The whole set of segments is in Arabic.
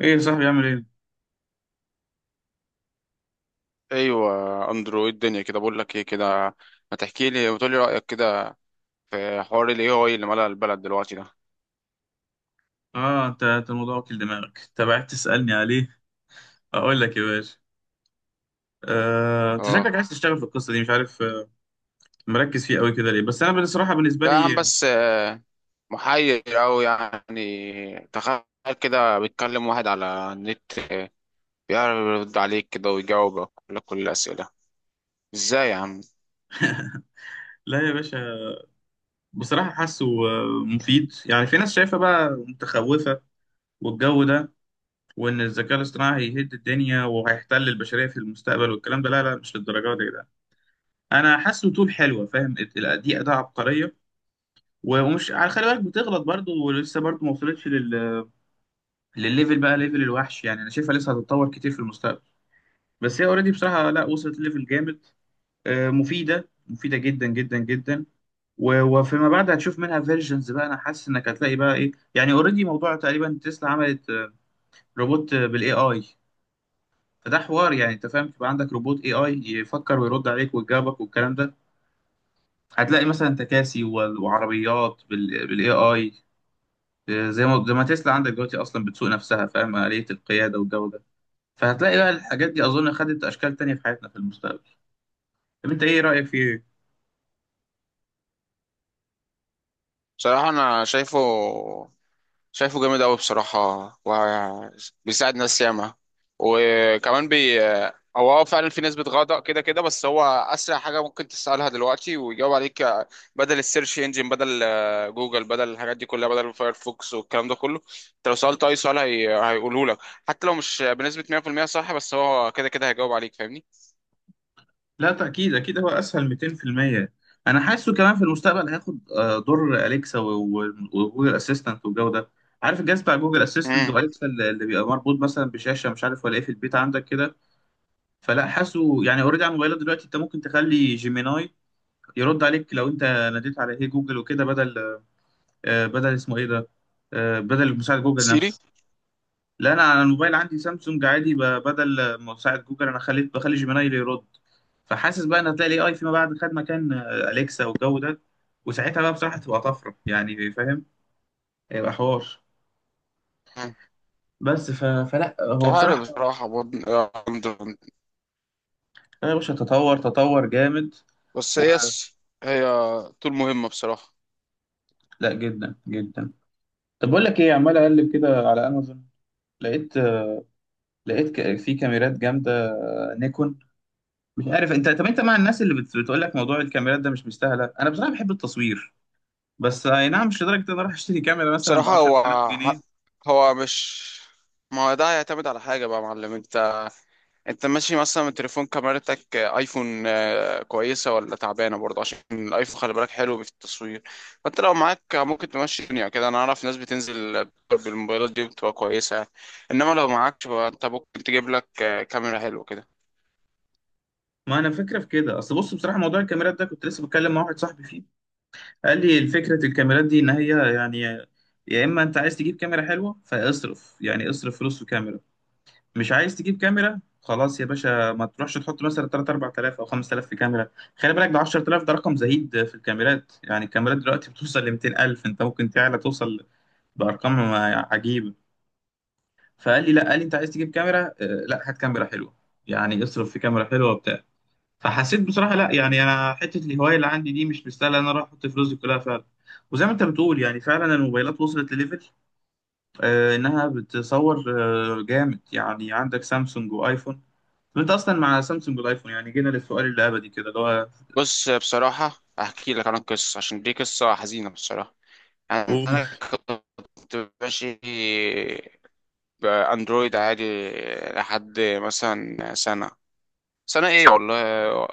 ايه يا صاحبي؟ عامل ايه؟ ايوه، اندرويد الدنيا كده. بقول لك ايه كده، ما تحكي لي وتقول لي رايك كده، في حوار الاي اي اللي ملأ البلد دلوقتي ده. اه، انت الموضوع واكل دماغك، انت بعت تسألني عليه. اقول لك يا باشا، انت اه. شكلك عايز تشتغل في القصه دي، مش عارف مركز فيه قوي كده ليه؟ بس انا بصراحه بالنسبه ده يا عم لي، بس محير أوي يعني. تخيل كده بيتكلم واحد على النت بيعرف يرد عليك كده ويجاوبك كل الأسئلة. ازاي يا عم؟ لا يا باشا، بصراحه حاسه مفيد. يعني في ناس شايفه بقى متخوفه والجو ده، وان الذكاء الاصطناعي هيهد الدنيا وهيحتل البشريه في المستقبل والكلام ده. لا لا، مش للدرجه دي ده. انا حاسه طول حلوه، فاهم؟ دي اداه عبقريه، ومش على خلي بالك، بتغلط برضه ولسه برضه ما وصلتش للليفل بقى، ليفل الوحش، يعني انا شايفها لسه هتتطور كتير في المستقبل. بس هي اوريدي بصراحه لا، وصلت ليفل جامد. مفيده جدا جدا جدا. وفيما بعد هتشوف منها فيرجنز بقى. انا حاسس انك هتلاقي بقى ايه، يعني اوريدي موضوع تقريبا تسلا عملت روبوت، بالاي اي. فده حوار، يعني انت فاهم، تبقى عندك روبوت اي اي يفكر ويرد عليك ويجاوبك والكلام ده. هتلاقي مثلا تكاسي وعربيات بالاي اي، زي ما تسلا عندك دلوقتي اصلا بتسوق نفسها، فاهم؟ آلية القياده والجو ده. فهتلاقي بقى الحاجات دي اظن خدت اشكال تانية في حياتنا في المستقبل. طب انت ايه رايك في ايه؟ بصراحة أنا شايفه جامد أوي بصراحة، وبيساعد ناس ياما. وكمان بي هو فعلا في نسبة غضب كده كده، بس هو أسرع حاجة ممكن تسألها دلوقتي ويجاوب عليك. بدل السيرش انجن، بدل جوجل، بدل الحاجات دي كلها، بدل فايرفوكس والكلام ده كله. انت لو سألت أي سؤال هيقوله لك، حتى لو مش بنسبة 100% صح، بس هو كده كده هيجاوب عليك، فاهمني؟ لا تاكيد، اكيد، هو اسهل 200%. انا حاسه كمان في المستقبل هياخد دور اليكسا وجوجل اسيستنت والجو ده. عارف الجهاز بتاع جوجل اسيستنت امم. واليكسا اللي بيبقى مربوط مثلا بشاشه مش عارف ولا ايه في البيت عندك كده؟ فلا حاسه يعني اوريدي على الموبايلات دلوقتي انت ممكن تخلي جيميناي يرد عليك لو انت ناديت على هي جوجل وكده، بدل بدل اسمه ايه ده، بدل مساعد جوجل سيري؟ نفسه. لا انا على الموبايل عندي سامسونج عادي، بدل مساعد جوجل انا خليت، بخلي جيميناي اللي يرد. فحاسس بقى ان هتلاقي الاي اي فيما بعد خد مكان اليكسا والجو ده. وساعتها بقى بصراحه تبقى طفره، يعني فاهم؟ هيبقى حوار. مم. بس فلا مش هو عارف بصراحه بصراحة برضه يا باشا تطور، تطور جامد. بس و... هي طول مهمة بصراحة. لا جدا جدا. طب بقول لك ايه، عمال اقلب كده على امازون. لقيت لقيت في كاميرات جامده نيكون. مش عارف انت، طب انت مع الناس اللي بتقول لك موضوع الكاميرات ده مش مستاهله؟ انا بصراحه بحب التصوير، بس اي نعم مش لدرجه ان انا اروح اشتري كاميرا مثلا ب بصراحة 10000 جنيه هو مش ما هو ده هيعتمد على حاجة بقى يا معلم. انت انت ماشي مثلا من تليفون، كاميرتك ايفون كويسة ولا تعبانة؟ برضه عشان الايفون خلي بالك حلو في التصوير. فانت لو معاك ممكن تمشي الدنيا كده. انا اعرف ناس بتنزل بالموبايلات دي بتبقى كويسة يعني. انما لو معاكش بقى انت ممكن تجيب لك كاميرا حلوة كده. ما انا فكره في كده. اصل بص، بصراحه موضوع الكاميرات ده كنت لسه بتكلم مع واحد صاحبي فيه. قال لي فكره الكاميرات دي ان هي يعني، يا اما انت عايز تجيب كاميرا حلوه فاصرف، يعني اصرف فلوس في كاميرا. مش عايز تجيب كاميرا خلاص يا باشا، ما تروحش تحط مثلا 3 4000 او 5000 في كاميرا. خلي بالك، ده 10000 ده رقم زهيد في الكاميرات، يعني الكاميرات دلوقتي بتوصل ل 200000، انت ممكن تعلى توصل بارقام عجيبه. فقال لي لا، قال لي انت عايز تجيب كاميرا لا هات كاميرا حلوه، يعني اصرف في كاميرا حلوه وبتاع. فحسيت بصراحه لا، يعني انا حته الهوايه اللي عندي دي مش مستاهله ان انا اروح احط فلوسي كلها فعلا. وزي ما انت بتقول، يعني فعلا الموبايلات وصلت لليفل آه انها بتصور آه جامد. يعني عندك سامسونج وايفون، انت اصلا مع سامسونج والايفون، يعني جينا للسؤال اللي ابدي كده اللي هو، بص، بصراحة هحكي لك عن القصة عشان دي قصة حزينة بصراحة. أوه. انا كنت ماشي باندرويد عادي لحد مثلا سنه. سنه ايه والله؟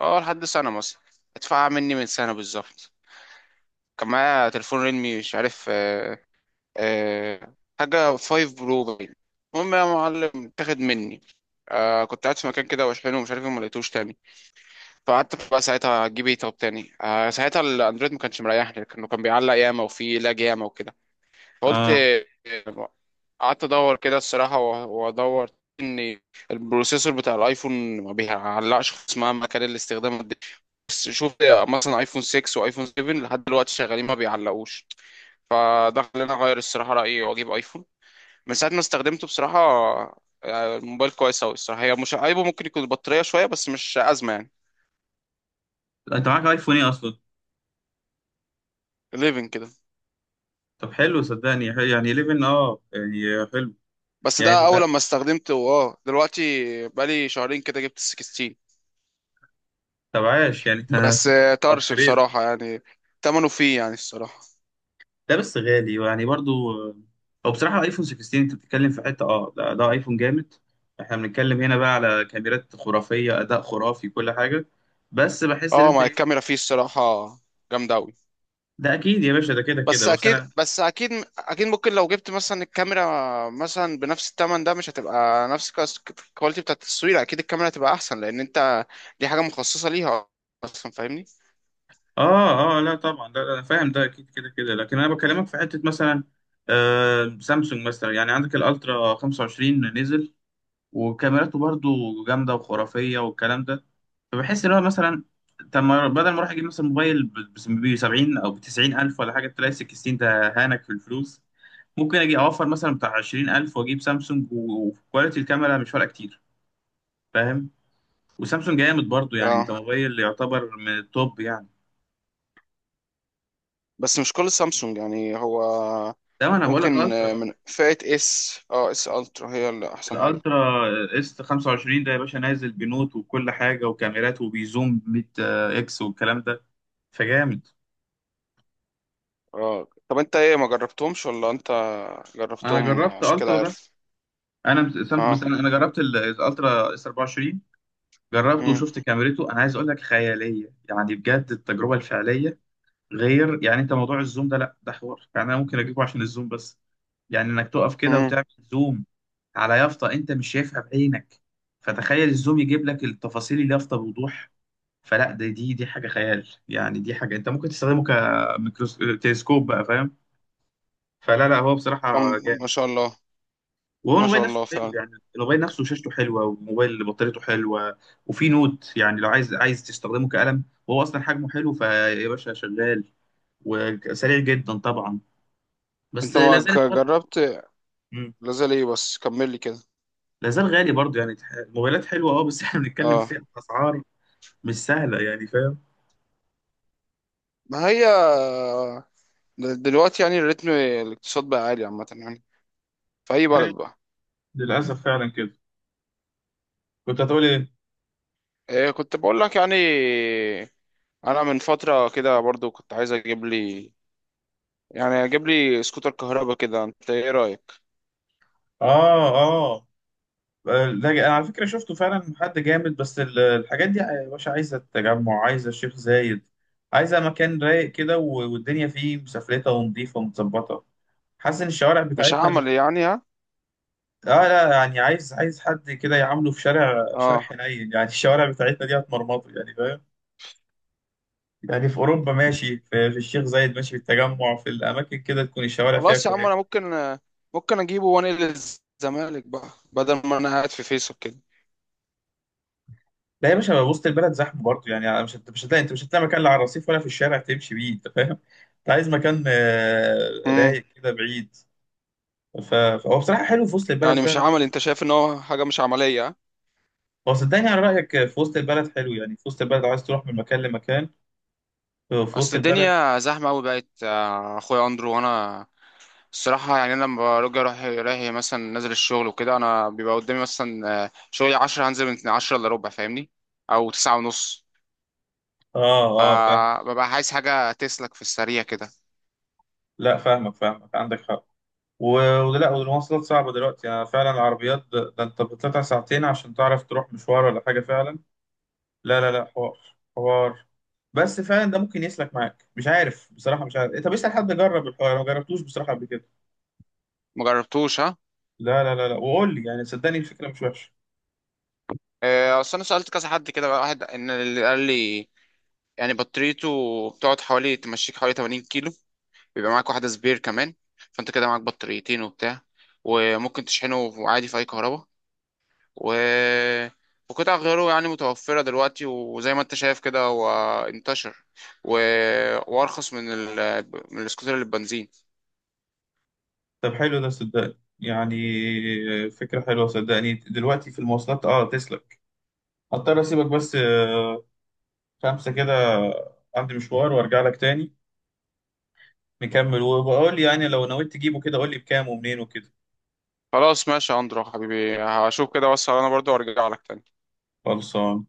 اه لحد سنه مثلا. ادفع مني من سنه بالظبط. كان معايا تليفون ريلمي، مش عارف حاجه 5 برو باين. المهم يا معلم اتاخد مني. كنت قاعد في مكان كده واشحنه ومش عارف ايه، ما لقيتوش تاني. فقعدت بقى ساعتها اجيب ايه طب تاني. ساعتها الاندرويد ما كانش مريحني، لانه كان بيعلق ياما وفيه لاج ياما وكده. قلت اه، قعدت ادور كده الصراحه وادور ان البروسيسور بتاع الايفون ما بيعلقش خالص مهما كان الاستخدام قد إيه. بس شوف مثلا ايفون 6 وايفون 7 لحد دلوقتي شغالين ما بيعلقوش. فده خلاني اغير الصراحه رايي واجيب ايفون. من ساعه ما استخدمته بصراحه، الموبايل كويس اوي الصراحه. هي مش عيبه، ممكن يكون البطاريه شويه بس مش ازمه يعني. انت معاك ايفون ايه اصلا؟ 11 كده. طب حلو، صدقني حلو. يعني 11، اه يعني حلو بس ده اول يعني. لما استخدمته. اه دلوقتي بقالي شهرين كده، جبت ال 16. طب عاش يعني انت بس طرش upgrade. بصراحة يعني. تمنه فيه يعني الصراحة. ده بس غالي يعني برضو. او بصراحة ايفون 16 انت بتتكلم في حتة اه، ده ده ايفون جامد. احنا بنتكلم هنا بقى على كاميرات خرافية، اداء خرافي، كل حاجة. بس بحس ان اه، انت ما ايه، الكاميرا فيه الصراحة جامدة أوي. ده اكيد يا باشا ده كده كده، بس بس أكيد، انا بس أكيد، أكيد ممكن لو جبت مثلا الكاميرا مثلا بنفس التمن، ده مش هتبقى نفس الكواليتي بتاعت التصوير. أكيد الكاميرا هتبقى أحسن، لأن أنت دي حاجة مخصصة ليها أصلا، فاهمني؟ اه اه لا طبعا ده انا فاهم، ده اكيد كده كده، لكن انا بكلمك في حتة مثلا سامسونج مثلا. يعني عندك الالترا 25 نزل وكاميراته برضو جامدة وخرافية والكلام ده. فبحس اللي هو مثلا، طب ما بدل ما اروح اجيب مثلا موبايل ب 70 او ب 90 الف ولا حاجه، تلاقي 16 ده هانك في الفلوس. ممكن اجي اوفر مثلا بتاع 20 الف واجيب سامسونج، وكواليتي الكاميرا مش فارقه كتير، فاهم؟ وسامسونج جامد برضو، يعني انت اه، موبايل يعتبر من التوب يعني. بس مش كل سامسونج يعني. هو ده ما انا بقول لك ممكن الترا بقى. من فئة اس، اس الترا هي اللي أحسن حاجة. الالترا اس 25 ده يا باشا نازل بنوت وكل حاجه وكاميرات وبيزوم 100 اكس والكلام ده، فجامد. اه طب أنت إيه؟ ما جربتهمش ولا أنت انا جربتهم جربت عشان كده الترا ده. عارف؟ انا بس اه. انا جربت الالترا اس 24، جربته امم. وشفت كاميرته. انا عايز اقول لك خياليه، يعني بجد التجربه الفعليه غير. يعني انت موضوع الزوم ده لا، ده حوار. يعني انا ممكن اجيبه عشان الزوم بس، يعني انك تقف كده امم. وتعمل زوم على يافطه انت مش شايفها بعينك، فتخيل الزوم يجيب لك التفاصيل اليافطه بوضوح. فلا ده دي حاجه خيال، يعني دي حاجه انت ممكن تستخدمه كميكروس، تلسكوب بقى، فاهم؟ فلا لا هو بصراحه ما جامد. شاء الله. وهو ما الموبايل شاء نفسه الله حلو، فعلا. يعني الموبايل نفسه شاشته حلوه والموبايل بطاريته حلوه. وفي نوت يعني لو عايز، عايز تستخدمه كقلم، وهو اصلا حجمه حلو، فيا باشا شغال وسريع جدا طبعا. بس انت لا ما زالت ج- برضه جربت؟ مم. لازال ايه؟ بس كمل لي كده. لا زال غالي برضه، يعني الموبايلات حلوه اه، بس احنا بنتكلم اه. في اسعار مش سهله، يعني فاهم؟ ما هي دلوقتي يعني الريتم الاقتصاد بقى عالي عامة يعني، في اي بلد عارف، بقى. للاسف فعلا كده. كنت هتقول ايه؟ إيه، كنت بقول لك يعني انا من فترة كده برضو كنت عايز اجيب لي، يعني اجيب لي سكوتر كهرباء كده. انت ايه رأيك؟ اه اه، ده انا على فكره شفته فعلا حد جامد، بس الحاجات دي يا باشا عايزه التجمع، عايزه الشيخ زايد، عايزه مكان رايق كده، والدنيا فيه مسفلته ونظيفه ومتظبطه. حاسس ان الشوارع مش بتاعتنا اللي، هعمل يعني، ها؟ اه لا يعني عايز، عايز حد كده يعامله في شارع، شارع اه. حنين يعني الشوارع بتاعتنا دي هتمرمطه، يعني فاهم؟ يعني في اوروبا ماشي، في الشيخ زايد ماشي، في التجمع، في الاماكن كده تكون الشوارع فيها خلاص يا عم انا كويسه. ممكن اجيبه وانقل الزمالك بقى بدل ما انا قاعد في فيصل. لا يا باشا وسط البلد زحمه برضه. يعني أنا مش هتلاقي، انت مش هتلاقي مكان لا على الرصيف ولا في الشارع تمشي بيه، انت فاهم؟ انت عايز مكان كده رايق كده بعيد. فهو بصراحه حلو في وسط البلد يعني مش فعلا زي عمل، ما انت انت بتقول. شايف ان هو حاجه مش عمليه ها؟ هو صدقني على رايك، في وسط البلد حلو، يعني في وسط البلد عايز تروح من مكان لمكان، في وسط اصل البلد الدنيا زحمه قوي بقت اخويا اندرو. وانا الصراحه يعني، انا لما برجع رايح رايح مثلا، نازل الشغل وكده، انا بيبقى قدامي مثلا شغلي 10، هنزل من 10 الا ربع فاهمني، او 9 ونص. اه اه فاهم. فببقى عايز حاجه تسلك في السريع كده. لا فاهمك فاهمك، عندك حق. ولا، والمواصلات صعبه دلوقتي يعني فعلا، العربيات ده ده انت بتطلع ساعتين عشان تعرف تروح مشوار ولا حاجه فعلا، لا لا لا حوار، حوار. بس فعلا ده ممكن يسلك معاك، مش عارف بصراحة، مش عارف إيه، طب اسأل حد جرب الحوار، أنا ما جربتوش بصراحة قبل كده. ما جربتوش ها؟ لا لا لا لا، وقول لي يعني، صدقني الفكرة مش وحشة. اصل انا سالت كذا حد كده بقى، واحد ان اللي قال لي يعني بطاريته بتقعد، حوالي تمشيك حوالي 80 كيلو. بيبقى معاك واحدة سبير كمان، فانت كده معاك بطاريتين وبتاع. وممكن تشحنه عادي في اي كهرباء. و وقطع غيره يعني متوفرة دلوقتي، وزي ما انت شايف كده هو انتشر، و... وارخص من من السكوتر اللي بنزين. طب حلو ده صدقني يعني، فكرة حلوة صدقني، دلوقتي في المواصلات اه تسلك. هضطر اسيبك بس خمسة كده، عندي مشوار وارجع لك تاني، نكمل وبقول لي يعني لو نويت تجيبه كده قول لي بكام ومنين وكده. خلاص ماشي يا اندرو حبيبي، هشوف كده واسهر انا برضو وارجع لك تاني. خلصان.